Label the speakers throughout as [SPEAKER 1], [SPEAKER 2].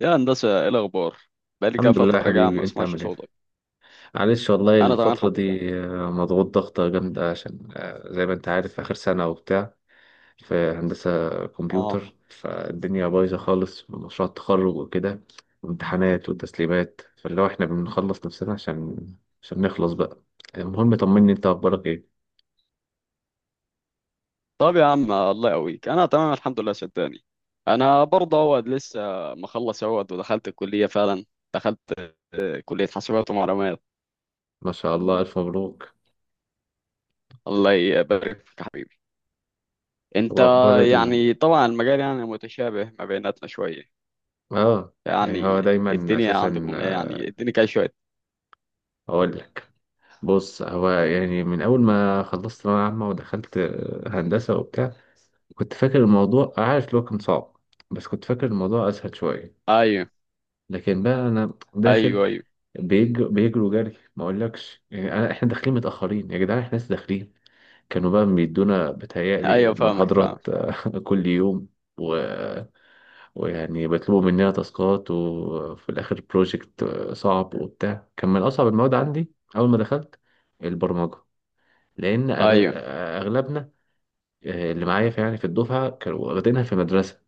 [SPEAKER 1] يا هندسة، ايه الأخبار؟ بقالي كده
[SPEAKER 2] الحمد لله يا
[SPEAKER 1] فترة جاية ما
[SPEAKER 2] حبيبي، انت
[SPEAKER 1] بسمعش
[SPEAKER 2] عامل ايه؟
[SPEAKER 1] صوتك.
[SPEAKER 2] معلش والله
[SPEAKER 1] أنا تمام
[SPEAKER 2] الفترة
[SPEAKER 1] الحمد
[SPEAKER 2] دي
[SPEAKER 1] لله.
[SPEAKER 2] مضغوط ضغطة جامدة عشان زي ما انت عارف اخر سنة وبتاع في هندسة
[SPEAKER 1] اه.
[SPEAKER 2] كمبيوتر. فالدنيا بايظة خالص، مشروع التخرج وكده وامتحانات وتسليمات، فاللي هو احنا بنخلص نفسنا عشان نخلص بقى. المهم، طمني انت اخبارك ايه؟
[SPEAKER 1] طب يا عم الله يقويك، أنا تمام الحمد لله صدقني. أنا برضه هو لسه مخلص اهوت ودخلت الكلية فعلا. دخلت كلية حاسبات ومعلومات.
[SPEAKER 2] ما شاء الله، الف مبروك.
[SPEAKER 1] الله يبارك فيك يا حبيبي. أنت.
[SPEAKER 2] واخبار
[SPEAKER 1] يعني طبعا المجال يعني متشابه ما بيناتنا شوية.
[SPEAKER 2] اه، يعني هو
[SPEAKER 1] يعني
[SPEAKER 2] دايما
[SPEAKER 1] الدنيا
[SPEAKER 2] اساسا،
[SPEAKER 1] عندكم ايه؟ يعني اديني كده شوية.
[SPEAKER 2] اقول لك، بص هو يعني من أول ما خلصت ثانوية عامة ودخلت هندسة وبتاع، كنت فاكر الموضوع، عارف اللي هو كان صعب بس كنت فاكر الموضوع أسهل شوية.
[SPEAKER 1] أيوه،
[SPEAKER 2] لكن بقى أنا داخل،
[SPEAKER 1] أيوه، أيوه،
[SPEAKER 2] بيجروا جري ما أقولكش، يعني أنا إحنا داخلين متأخرين يا جدعان، إحنا لسه داخلين. كانوا بقى بيدونا بتهيألي
[SPEAKER 1] أيوه فاهمك
[SPEAKER 2] المحاضرات
[SPEAKER 1] فاهمك.
[SPEAKER 2] كل يوم و... ويعني بيطلبوا مننا تاسكات وفي الآخر بروجكت صعب وبتاع. كان من أصعب المواد عندي أول ما دخلت، البرمجة. لان أغ-
[SPEAKER 1] أيوه
[SPEAKER 2] اغلبنا، اللي معايا في يعني في الدفعه، كانوا واخدينها في مدرسه.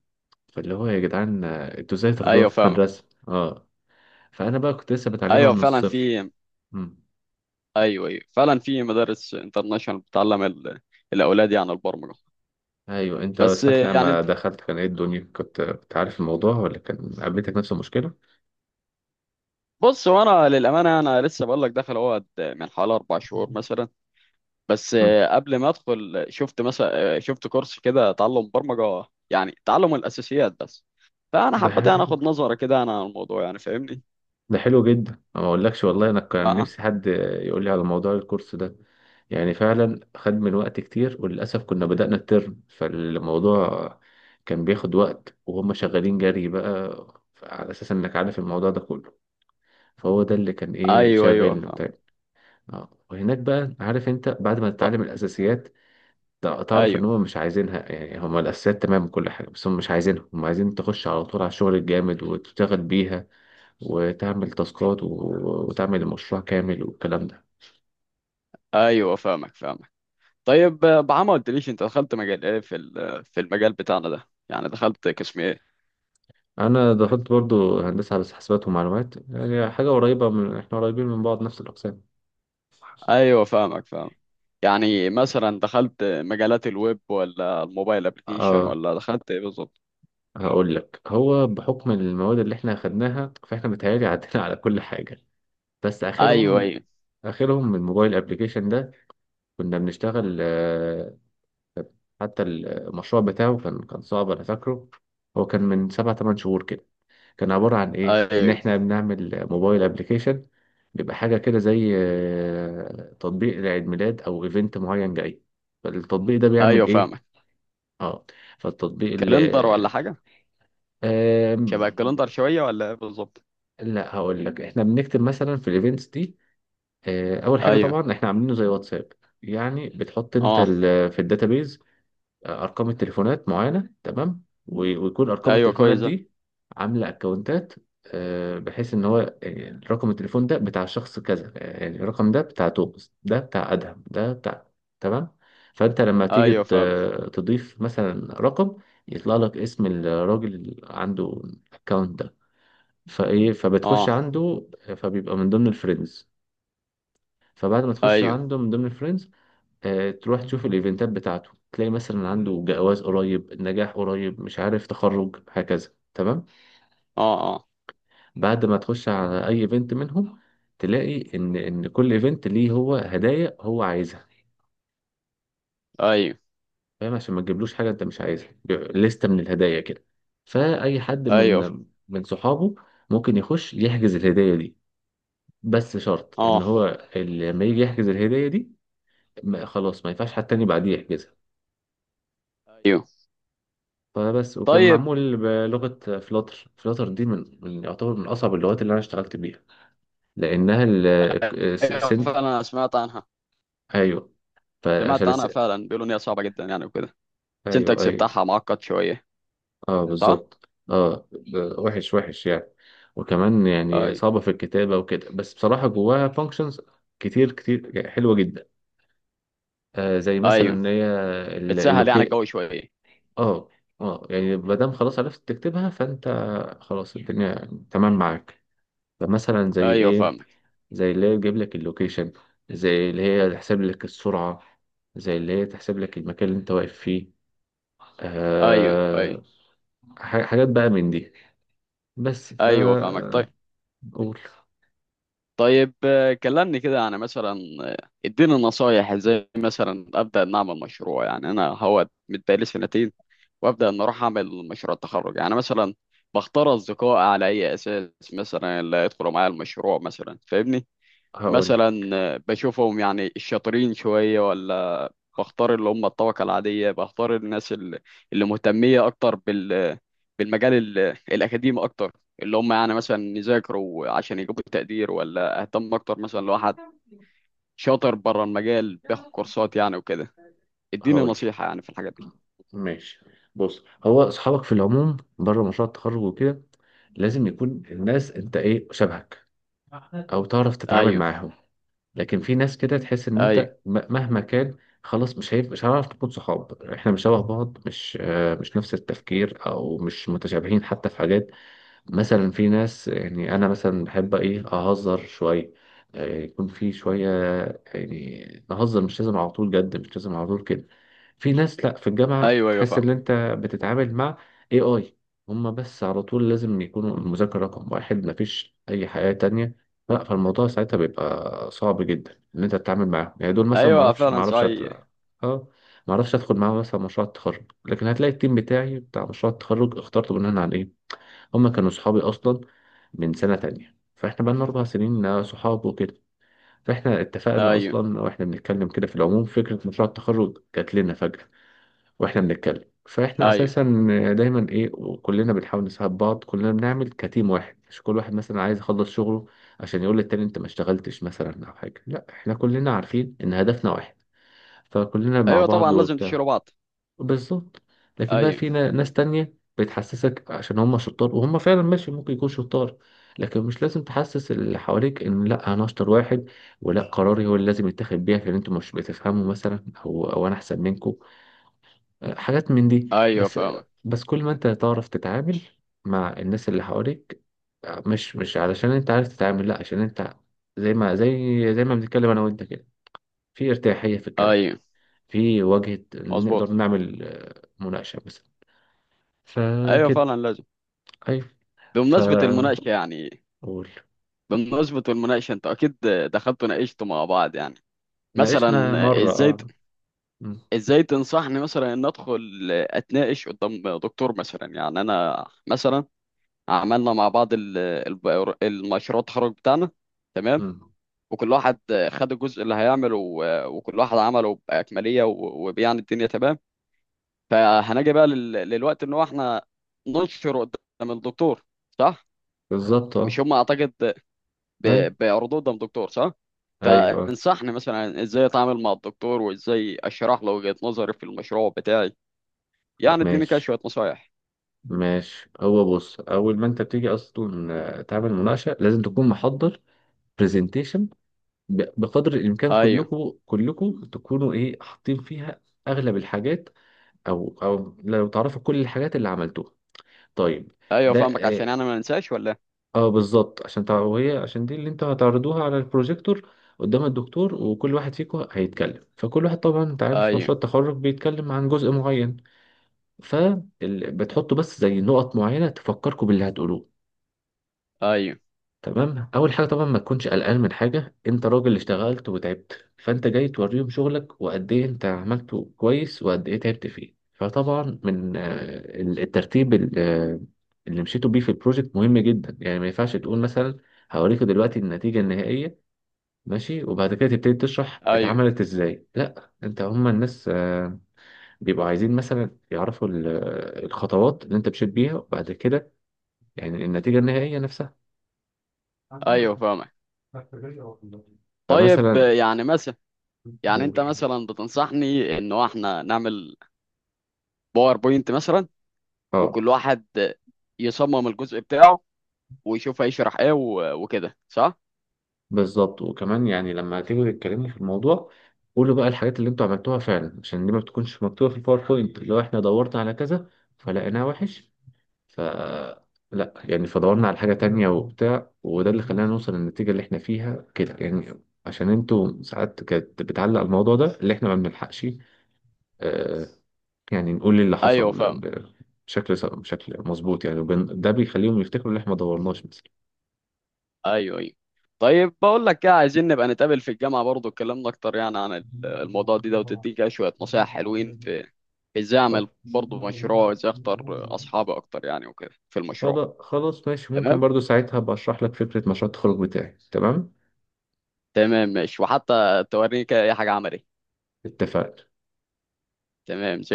[SPEAKER 2] فاللي هو يا جدعان انتوا ازاي تاخدوها
[SPEAKER 1] أيوه
[SPEAKER 2] في
[SPEAKER 1] فاهمك.
[SPEAKER 2] مدرسه؟ اه، فانا بقى كنت لسه بتعلمها
[SPEAKER 1] أيوه
[SPEAKER 2] من
[SPEAKER 1] فعلا
[SPEAKER 2] الصفر.
[SPEAKER 1] في.
[SPEAKER 2] مم.
[SPEAKER 1] ايوه ايوه فعلا في مدارس انترناشونال بتعلم الاولاد يعني البرمجه.
[SPEAKER 2] ايوه، انت
[SPEAKER 1] بس
[SPEAKER 2] ساعه
[SPEAKER 1] يعني
[SPEAKER 2] لما
[SPEAKER 1] انت.
[SPEAKER 2] دخلت كان ايه الدنيا، كنت عارف الموضوع، ولا كان قابلتك نفس المشكله؟
[SPEAKER 1] بص هو انا للامانه انا لسه بقول لك داخل اهوت من حوالي 4 شهور مثلا. بس
[SPEAKER 2] مم.
[SPEAKER 1] قبل ما ادخل شفت مثلا شفت كورس كده تعلم برمجه يعني تعلم الاساسيات بس. فانا
[SPEAKER 2] ده
[SPEAKER 1] حبيت انا
[SPEAKER 2] حلو،
[SPEAKER 1] اخد نظره كده انا عن الموضوع يعني فاهمني.
[SPEAKER 2] ده حلو جدا. أنا ما اقولكش والله، انا كان
[SPEAKER 1] اه.
[SPEAKER 2] نفسي حد يقول لي على موضوع الكورس ده. يعني فعلا خد من وقت كتير. وللاسف كنا بدأنا الترم فالموضوع كان بياخد وقت، وهم شغالين جري بقى على اساس انك عارف الموضوع ده كله. فهو ده اللي كان ايه
[SPEAKER 1] ايوه ايوه
[SPEAKER 2] شاغلني
[SPEAKER 1] فاهم.
[SPEAKER 2] وبتاع. اه، وهناك بقى، عارف انت، بعد ما
[SPEAKER 1] ط-
[SPEAKER 2] تتعلم الاساسيات، تعرف ان
[SPEAKER 1] ايوه
[SPEAKER 2] هم مش عايزينها. يعني هم الاساسيات تمام كل حاجه، بس هم مش عايزينها، هم عايزين تخش على طول على الشغل الجامد وتشتغل بيها وتعمل تاسكات وتعمل المشروع كامل والكلام ده.
[SPEAKER 1] ايوه فاهمك فاهمك. طيب بعمل ما قلتليش انت دخلت مجال ايه في المجال بتاعنا ده؟ يعني دخلت قسم ايه؟
[SPEAKER 2] انا دخلت برضو هندسه على حسابات ومعلومات، يعني حاجه قريبه، احنا قريبين من بعض، نفس الاقسام.
[SPEAKER 1] ايوه فاهمك فاهمك. يعني مثلا دخلت مجالات الويب ولا الموبايل ابلكيشن
[SPEAKER 2] اه،
[SPEAKER 1] ولا دخلت ايه بالظبط؟
[SPEAKER 2] هقول لك، هو بحكم المواد اللي احنا خدناها، فاحنا متهيألي عدينا على كل حاجه. بس
[SPEAKER 1] ايوه،
[SPEAKER 2] اخرهم
[SPEAKER 1] ايوه،
[SPEAKER 2] اخرهم من الموبايل ابلكيشن ده، كنا بنشتغل. حتى المشروع بتاعه كان صعب، انا فاكره. هو كان من 7 8 شهور كده. كان عبارة عن إيه؟ إن
[SPEAKER 1] ايوه،
[SPEAKER 2] إحنا بنعمل موبايل أبليكيشن بيبقى حاجة كده زي تطبيق لعيد ميلاد أو إيفنت معين جاي. فالتطبيق ده بيعمل
[SPEAKER 1] ايوه
[SPEAKER 2] إيه؟
[SPEAKER 1] فاهمك.
[SPEAKER 2] آه فالتطبيق اللي
[SPEAKER 1] كالندر ولا حاجه؟
[SPEAKER 2] آم،
[SPEAKER 1] شبه الكالندر شويه ولا ايه بالظبط؟
[SPEAKER 2] لا، هقول لك، إحنا بنكتب مثلا في الإيفنتس دي. أول حاجة
[SPEAKER 1] ايوه.
[SPEAKER 2] طبعا إحنا عاملينه زي واتساب، يعني بتحط أنت
[SPEAKER 1] اه.
[SPEAKER 2] في الداتابيز ارقام التليفونات معينه، تمام، ويكون ارقام
[SPEAKER 1] ايوه
[SPEAKER 2] التليفونات
[SPEAKER 1] كويس ده.
[SPEAKER 2] دي عامله اكونتات. بحيث ان هو رقم التليفون ده بتاع شخص كذا، يعني الرقم ده بتاع توماس، ده بتاع ادهم، ده بتاع، تمام. فانت لما تيجي
[SPEAKER 1] ايوه فاهمك.
[SPEAKER 2] تضيف مثلا رقم، يطلع لك اسم الراجل اللي عنده الاكونت ده. فبتخش
[SPEAKER 1] اه.
[SPEAKER 2] عنده، فبيبقى من ضمن الفريندز. فبعد ما تخش
[SPEAKER 1] ايوه.
[SPEAKER 2] عنده من ضمن الفريندز، تروح تشوف الايفنتات بتاعته، تلاقي مثلا عنده جواز قريب، نجاح قريب، مش عارف تخرج، هكذا، تمام.
[SPEAKER 1] اه. اه.
[SPEAKER 2] بعد ما تخش على اي ايفنت منهم، تلاقي ان كل ايفنت ليه هو هدايا هو عايزها.
[SPEAKER 1] ايوه
[SPEAKER 2] فاهم، عشان ما تجيبلوش حاجه انت مش عايزها، بيبقى لستة من الهدايا كده. فاي حد
[SPEAKER 1] ايوه.
[SPEAKER 2] من صحابه ممكن يخش يحجز الهدايا دي. بس شرط ان
[SPEAKER 1] اه.
[SPEAKER 2] هو لما يجي يحجز الهدايا دي، خلاص ما ينفعش حد تاني بعديه يحجزها.
[SPEAKER 1] ايوه.
[SPEAKER 2] فبس. وكان
[SPEAKER 1] طيب.
[SPEAKER 2] معمول بلغة فلاتر. فلاتر دي يعتبر من أصعب اللغات اللي أنا اشتغلت بيها، لأنها ال
[SPEAKER 1] ايوه
[SPEAKER 2] سن
[SPEAKER 1] فعلا سمعت عنها
[SPEAKER 2] أيوه. فعشان
[SPEAKER 1] سمعت عنها فعلا بيقولوا ان هي صعبه جدا يعني وكده.
[SPEAKER 2] أيوه،
[SPEAKER 1] السنتكس
[SPEAKER 2] أيوه.
[SPEAKER 1] بتاعها معقد شويه،
[SPEAKER 2] أه
[SPEAKER 1] صح؟
[SPEAKER 2] بالظبط، أه. وحش وحش يعني، وكمان يعني
[SPEAKER 1] ايوه
[SPEAKER 2] صعبة في الكتابة وكده، بس بصراحة جواها فانكشنز كتير كتير يعني، حلوة جدا. آه زي مثلا
[SPEAKER 1] ايوه
[SPEAKER 2] إن هي
[SPEAKER 1] بتسهل يعني
[SPEAKER 2] اللوكي،
[SPEAKER 1] الجو شويه.
[SPEAKER 2] أه. أه، يعني ما دام خلاص عرفت تكتبها، فأنت خلاص الدنيا تمام معاك. فمثلا زي
[SPEAKER 1] ايوه
[SPEAKER 2] ايه؟
[SPEAKER 1] فاهمك.
[SPEAKER 2] زي اللي هي تجيب لك اللوكيشن، زي اللي هي تحسب لك السرعة، زي اللي هي تحسب لك المكان اللي انت واقف فيه.
[SPEAKER 1] ايوه ايوه
[SPEAKER 2] أه، حاجات بقى من دي. بس
[SPEAKER 1] ايوه فاهمك. طيب.
[SPEAKER 2] قول.
[SPEAKER 1] طيب كلمني كده يعني مثلا. اديني نصايح ازاي مثلا ابدا ان اعمل مشروع، يعني انا هو متبقالي سنتين وابدا ان اروح اعمل مشروع التخرج يعني مثلا. بختار اصدقاء على اي اساس مثلا اللي يدخلوا معايا المشروع؟ مثلا فاهمني.
[SPEAKER 2] هقول
[SPEAKER 1] مثلا بشوفهم يعني الشاطرين شويه، ولا بختار اللي هم الطبقة العادية؟ بختار الناس اللي مهتمية أكتر بالمجال الأكاديمي أكتر، اللي هم يعني مثلا يذاكروا عشان يجيبوا تقدير؟ ولا أهتم أكتر مثلا لو واحد شاطر بره المجال بياخد كورسات يعني وكده؟ اديني
[SPEAKER 2] هقول
[SPEAKER 1] نصيحة يعني في الحاجات دي.
[SPEAKER 2] ماشي. بص، هو اصحابك في العموم بره مشروع التخرج وكده لازم يكون الناس انت ايه شبهك، او تعرف تتعامل
[SPEAKER 1] أيوه،
[SPEAKER 2] معاهم. لكن في ناس كده تحس ان انت
[SPEAKER 1] أيوه،
[SPEAKER 2] مهما كان، خلاص مش هنعرف نكون صحاب، احنا مش شبه بعض، مش نفس التفكير او مش متشابهين حتى في حاجات. مثلا في ناس، يعني انا مثلا بحب ايه اهزر شويه، يكون في شويه، يعني نهزر، مش لازم على طول جد، مش لازم على طول كده. في ناس لا في الجامعه
[SPEAKER 1] أيوه، أيوه
[SPEAKER 2] تحس ان
[SPEAKER 1] فاهم.
[SPEAKER 2] انت بتتعامل مع اي هما، بس على طول لازم يكونوا المذاكره رقم واحد، مفيش اي حياه تانية. لا، فالموضوع ساعتها بيبقى صعب جدا ان انت تتعامل معاهم، يعني دول مثلا
[SPEAKER 1] أيوه
[SPEAKER 2] معرفش
[SPEAKER 1] فعلا
[SPEAKER 2] معرفش
[SPEAKER 1] صحيح.
[SPEAKER 2] اه، معرفش ادخل معاهم مثلا مشروع التخرج. لكن هتلاقي التيم بتاعي بتاع مشروع التخرج اخترته بناء على ايه، هما كانوا صحابي اصلا من سنه تانية، فاحنا بقالنا 4 سنين صحاب وكده. فاحنا اتفقنا
[SPEAKER 1] أيوه
[SPEAKER 2] اصلا واحنا بنتكلم كده في العموم، فكره مشروع التخرج جات لنا فجاه واحنا بنتكلم. فاحنا
[SPEAKER 1] أيوه.
[SPEAKER 2] اساسا دايما ايه، كلنا بنحاول نساعد بعض، كلنا بنعمل كتيم واحد، مش كل واحد مثلا عايز يخلص شغله عشان يقول للتاني انت ما اشتغلتش مثلا او حاجه. لا، احنا كلنا عارفين ان هدفنا واحد، فكلنا مع
[SPEAKER 1] أيوه
[SPEAKER 2] بعض
[SPEAKER 1] طبعا لازم
[SPEAKER 2] وبتاع.
[SPEAKER 1] تشيلوا بعض.
[SPEAKER 2] بالظبط. لكن بقى
[SPEAKER 1] أيوه
[SPEAKER 2] في ناس تانية بتحسسك عشان هم شطار، وهم فعلا ماشي ممكن يكون شطار. لكن مش لازم تحسس اللي حواليك ان لا انا اشطر واحد، ولا قراري هو اللي لازم يتاخد بيه، عشان انتوا مش بتفهموا مثلا، او انا احسن منكم. حاجات من دي
[SPEAKER 1] أيوه
[SPEAKER 2] بس.
[SPEAKER 1] فاهم.
[SPEAKER 2] بس كل ما انت تعرف تتعامل مع الناس اللي حواليك، مش علشان انت عارف تتعامل، لا عشان انت، زي ما بنتكلم انا وانت كده، في ارتياحية في الكلام،
[SPEAKER 1] أيوه
[SPEAKER 2] في وجهة، نقدر
[SPEAKER 1] مظبوط.
[SPEAKER 2] نعمل مناقشة مثلا.
[SPEAKER 1] أيوه
[SPEAKER 2] فكده.
[SPEAKER 1] فعلا لازم.
[SPEAKER 2] أيوة،
[SPEAKER 1] بمناسبة
[SPEAKER 2] فقول.
[SPEAKER 1] المناقشة يعني. بمناسبة المناقشة انت اكيد دخلت وناقشت مع بعض يعني. مثلا
[SPEAKER 2] ناقشنا مرة،
[SPEAKER 1] ازاي
[SPEAKER 2] اه. م-
[SPEAKER 1] ازاي تنصحني مثلا ان ادخل اتناقش قدام دكتور؟ مثلا يعني انا مثلا عملنا مع بعض المشروع التخرج بتاعنا، تمام،
[SPEAKER 2] م.
[SPEAKER 1] وكل واحد خد الجزء اللي هيعمله و- وكل واحد عمله بأكملية و- وبيعني الدنيا تمام. فهنجي بقى للوقت ان هو احنا ننشر قدام الدكتور، صح؟
[SPEAKER 2] بالظبط،
[SPEAKER 1] مش
[SPEAKER 2] اه.
[SPEAKER 1] هم اعتقد
[SPEAKER 2] أيوة،
[SPEAKER 1] بردود الدكتور، صح؟
[SPEAKER 2] أيوة،
[SPEAKER 1] فانصحني مثلا ازاي اتعامل مع الدكتور وازاي اشرح له وجهة نظري في المشروع بتاعي. يعني
[SPEAKER 2] طب
[SPEAKER 1] اديني كده
[SPEAKER 2] ماشي،
[SPEAKER 1] شوية نصايح.
[SPEAKER 2] ماشي هو بص، أول ما أنت بتيجي أصلا، تعمل مناقشة، لازم تكون محضر برزنتيشن بقدر الإمكان.
[SPEAKER 1] ايوه
[SPEAKER 2] كلكم تكونوا إيه حاطين فيها أغلب الحاجات، أو لو تعرفوا كل الحاجات اللي عملتوها. طيب.
[SPEAKER 1] ايوه
[SPEAKER 2] ده
[SPEAKER 1] فاهمك، عشان انا ما انساش ولا.
[SPEAKER 2] اه بالظبط، عشان وهي عشان دي اللي انتوا هتعرضوها على البروجيكتور قدام الدكتور، وكل واحد فيكم هيتكلم. فكل واحد طبعا انت عارف
[SPEAKER 1] ايوه،
[SPEAKER 2] مشروع التخرج بيتكلم عن جزء معين، فبتحطوا بس زي نقط معينة تفكركم باللي هتقولوه.
[SPEAKER 1] ايوه،
[SPEAKER 2] تمام. اول حاجه طبعا ما تكونش قلقان من حاجه، انت راجل اشتغلت وتعبت، فانت جاي توريهم شغلك وقد ايه انت عملته كويس وقد ايه تعبت فيه. فطبعا من الترتيب اللي مشيتوا بيه في البروجكت مهم جدا. يعني ما ينفعش تقول مثلا هوريكوا دلوقتي النتيجه النهائيه، ماشي، وبعد كده تبتدي تشرح
[SPEAKER 1] ايوه،
[SPEAKER 2] اتعملت ازاي. لا، انت، هما الناس بيبقوا عايزين مثلا يعرفوا الخطوات اللي انت مشيت بيها، وبعد كده يعني النتيجه النهائيه نفسها.
[SPEAKER 1] ايوه فاهمك. طيب
[SPEAKER 2] فمثلا
[SPEAKER 1] يعني مثلا. يعني انت
[SPEAKER 2] قول،
[SPEAKER 1] مثلا بتنصحني انه احنا نعمل باوربوينت مثلا،
[SPEAKER 2] اه
[SPEAKER 1] وكل واحد يصمم الجزء بتاعه ويشوف هيشرح ايه وكده، صح؟
[SPEAKER 2] بالظبط. وكمان يعني لما تيجوا تتكلموا في الموضوع، قولوا بقى الحاجات اللي انتوا عملتوها فعلا، عشان دي ما بتكونش مكتوبة في الباوربوينت. لو احنا دورنا على كذا فلقيناه وحش، ف لا يعني، فدورنا على حاجة تانية وبتاع، وده اللي خلانا نوصل للنتيجة اللي احنا فيها كده. يعني عشان انتوا ساعات كانت بتعلق الموضوع، ده اللي احنا ما بنلحقش آه يعني نقول إيه اللي
[SPEAKER 1] ايوه
[SPEAKER 2] حصل
[SPEAKER 1] فاهم.
[SPEAKER 2] بشكل مظبوط يعني، ده بيخليهم يفتكروا اللي احنا ما دورناش مثلا.
[SPEAKER 1] ايوه ايوه. طيب بقول لك ايه، عايزين نبقى نتقابل في الجامعه برضو، اتكلمنا اكتر يعني عن الموضوع ده وتديك كده شويه نصايح حلوين في ازاي اعمل برضو مشروع وازاي اختار اصحابي اكتر يعني، وكده في المشروع.
[SPEAKER 2] خلاص خلاص، ماشي. ممكن
[SPEAKER 1] تمام.
[SPEAKER 2] برضو ساعتها بشرح لك فكرة مشروع التخرج بتاعي. تمام،
[SPEAKER 1] تمام ماشي وحتى توريني كده اي حاجه عملي.
[SPEAKER 2] اتفقنا.
[SPEAKER 1] تمام.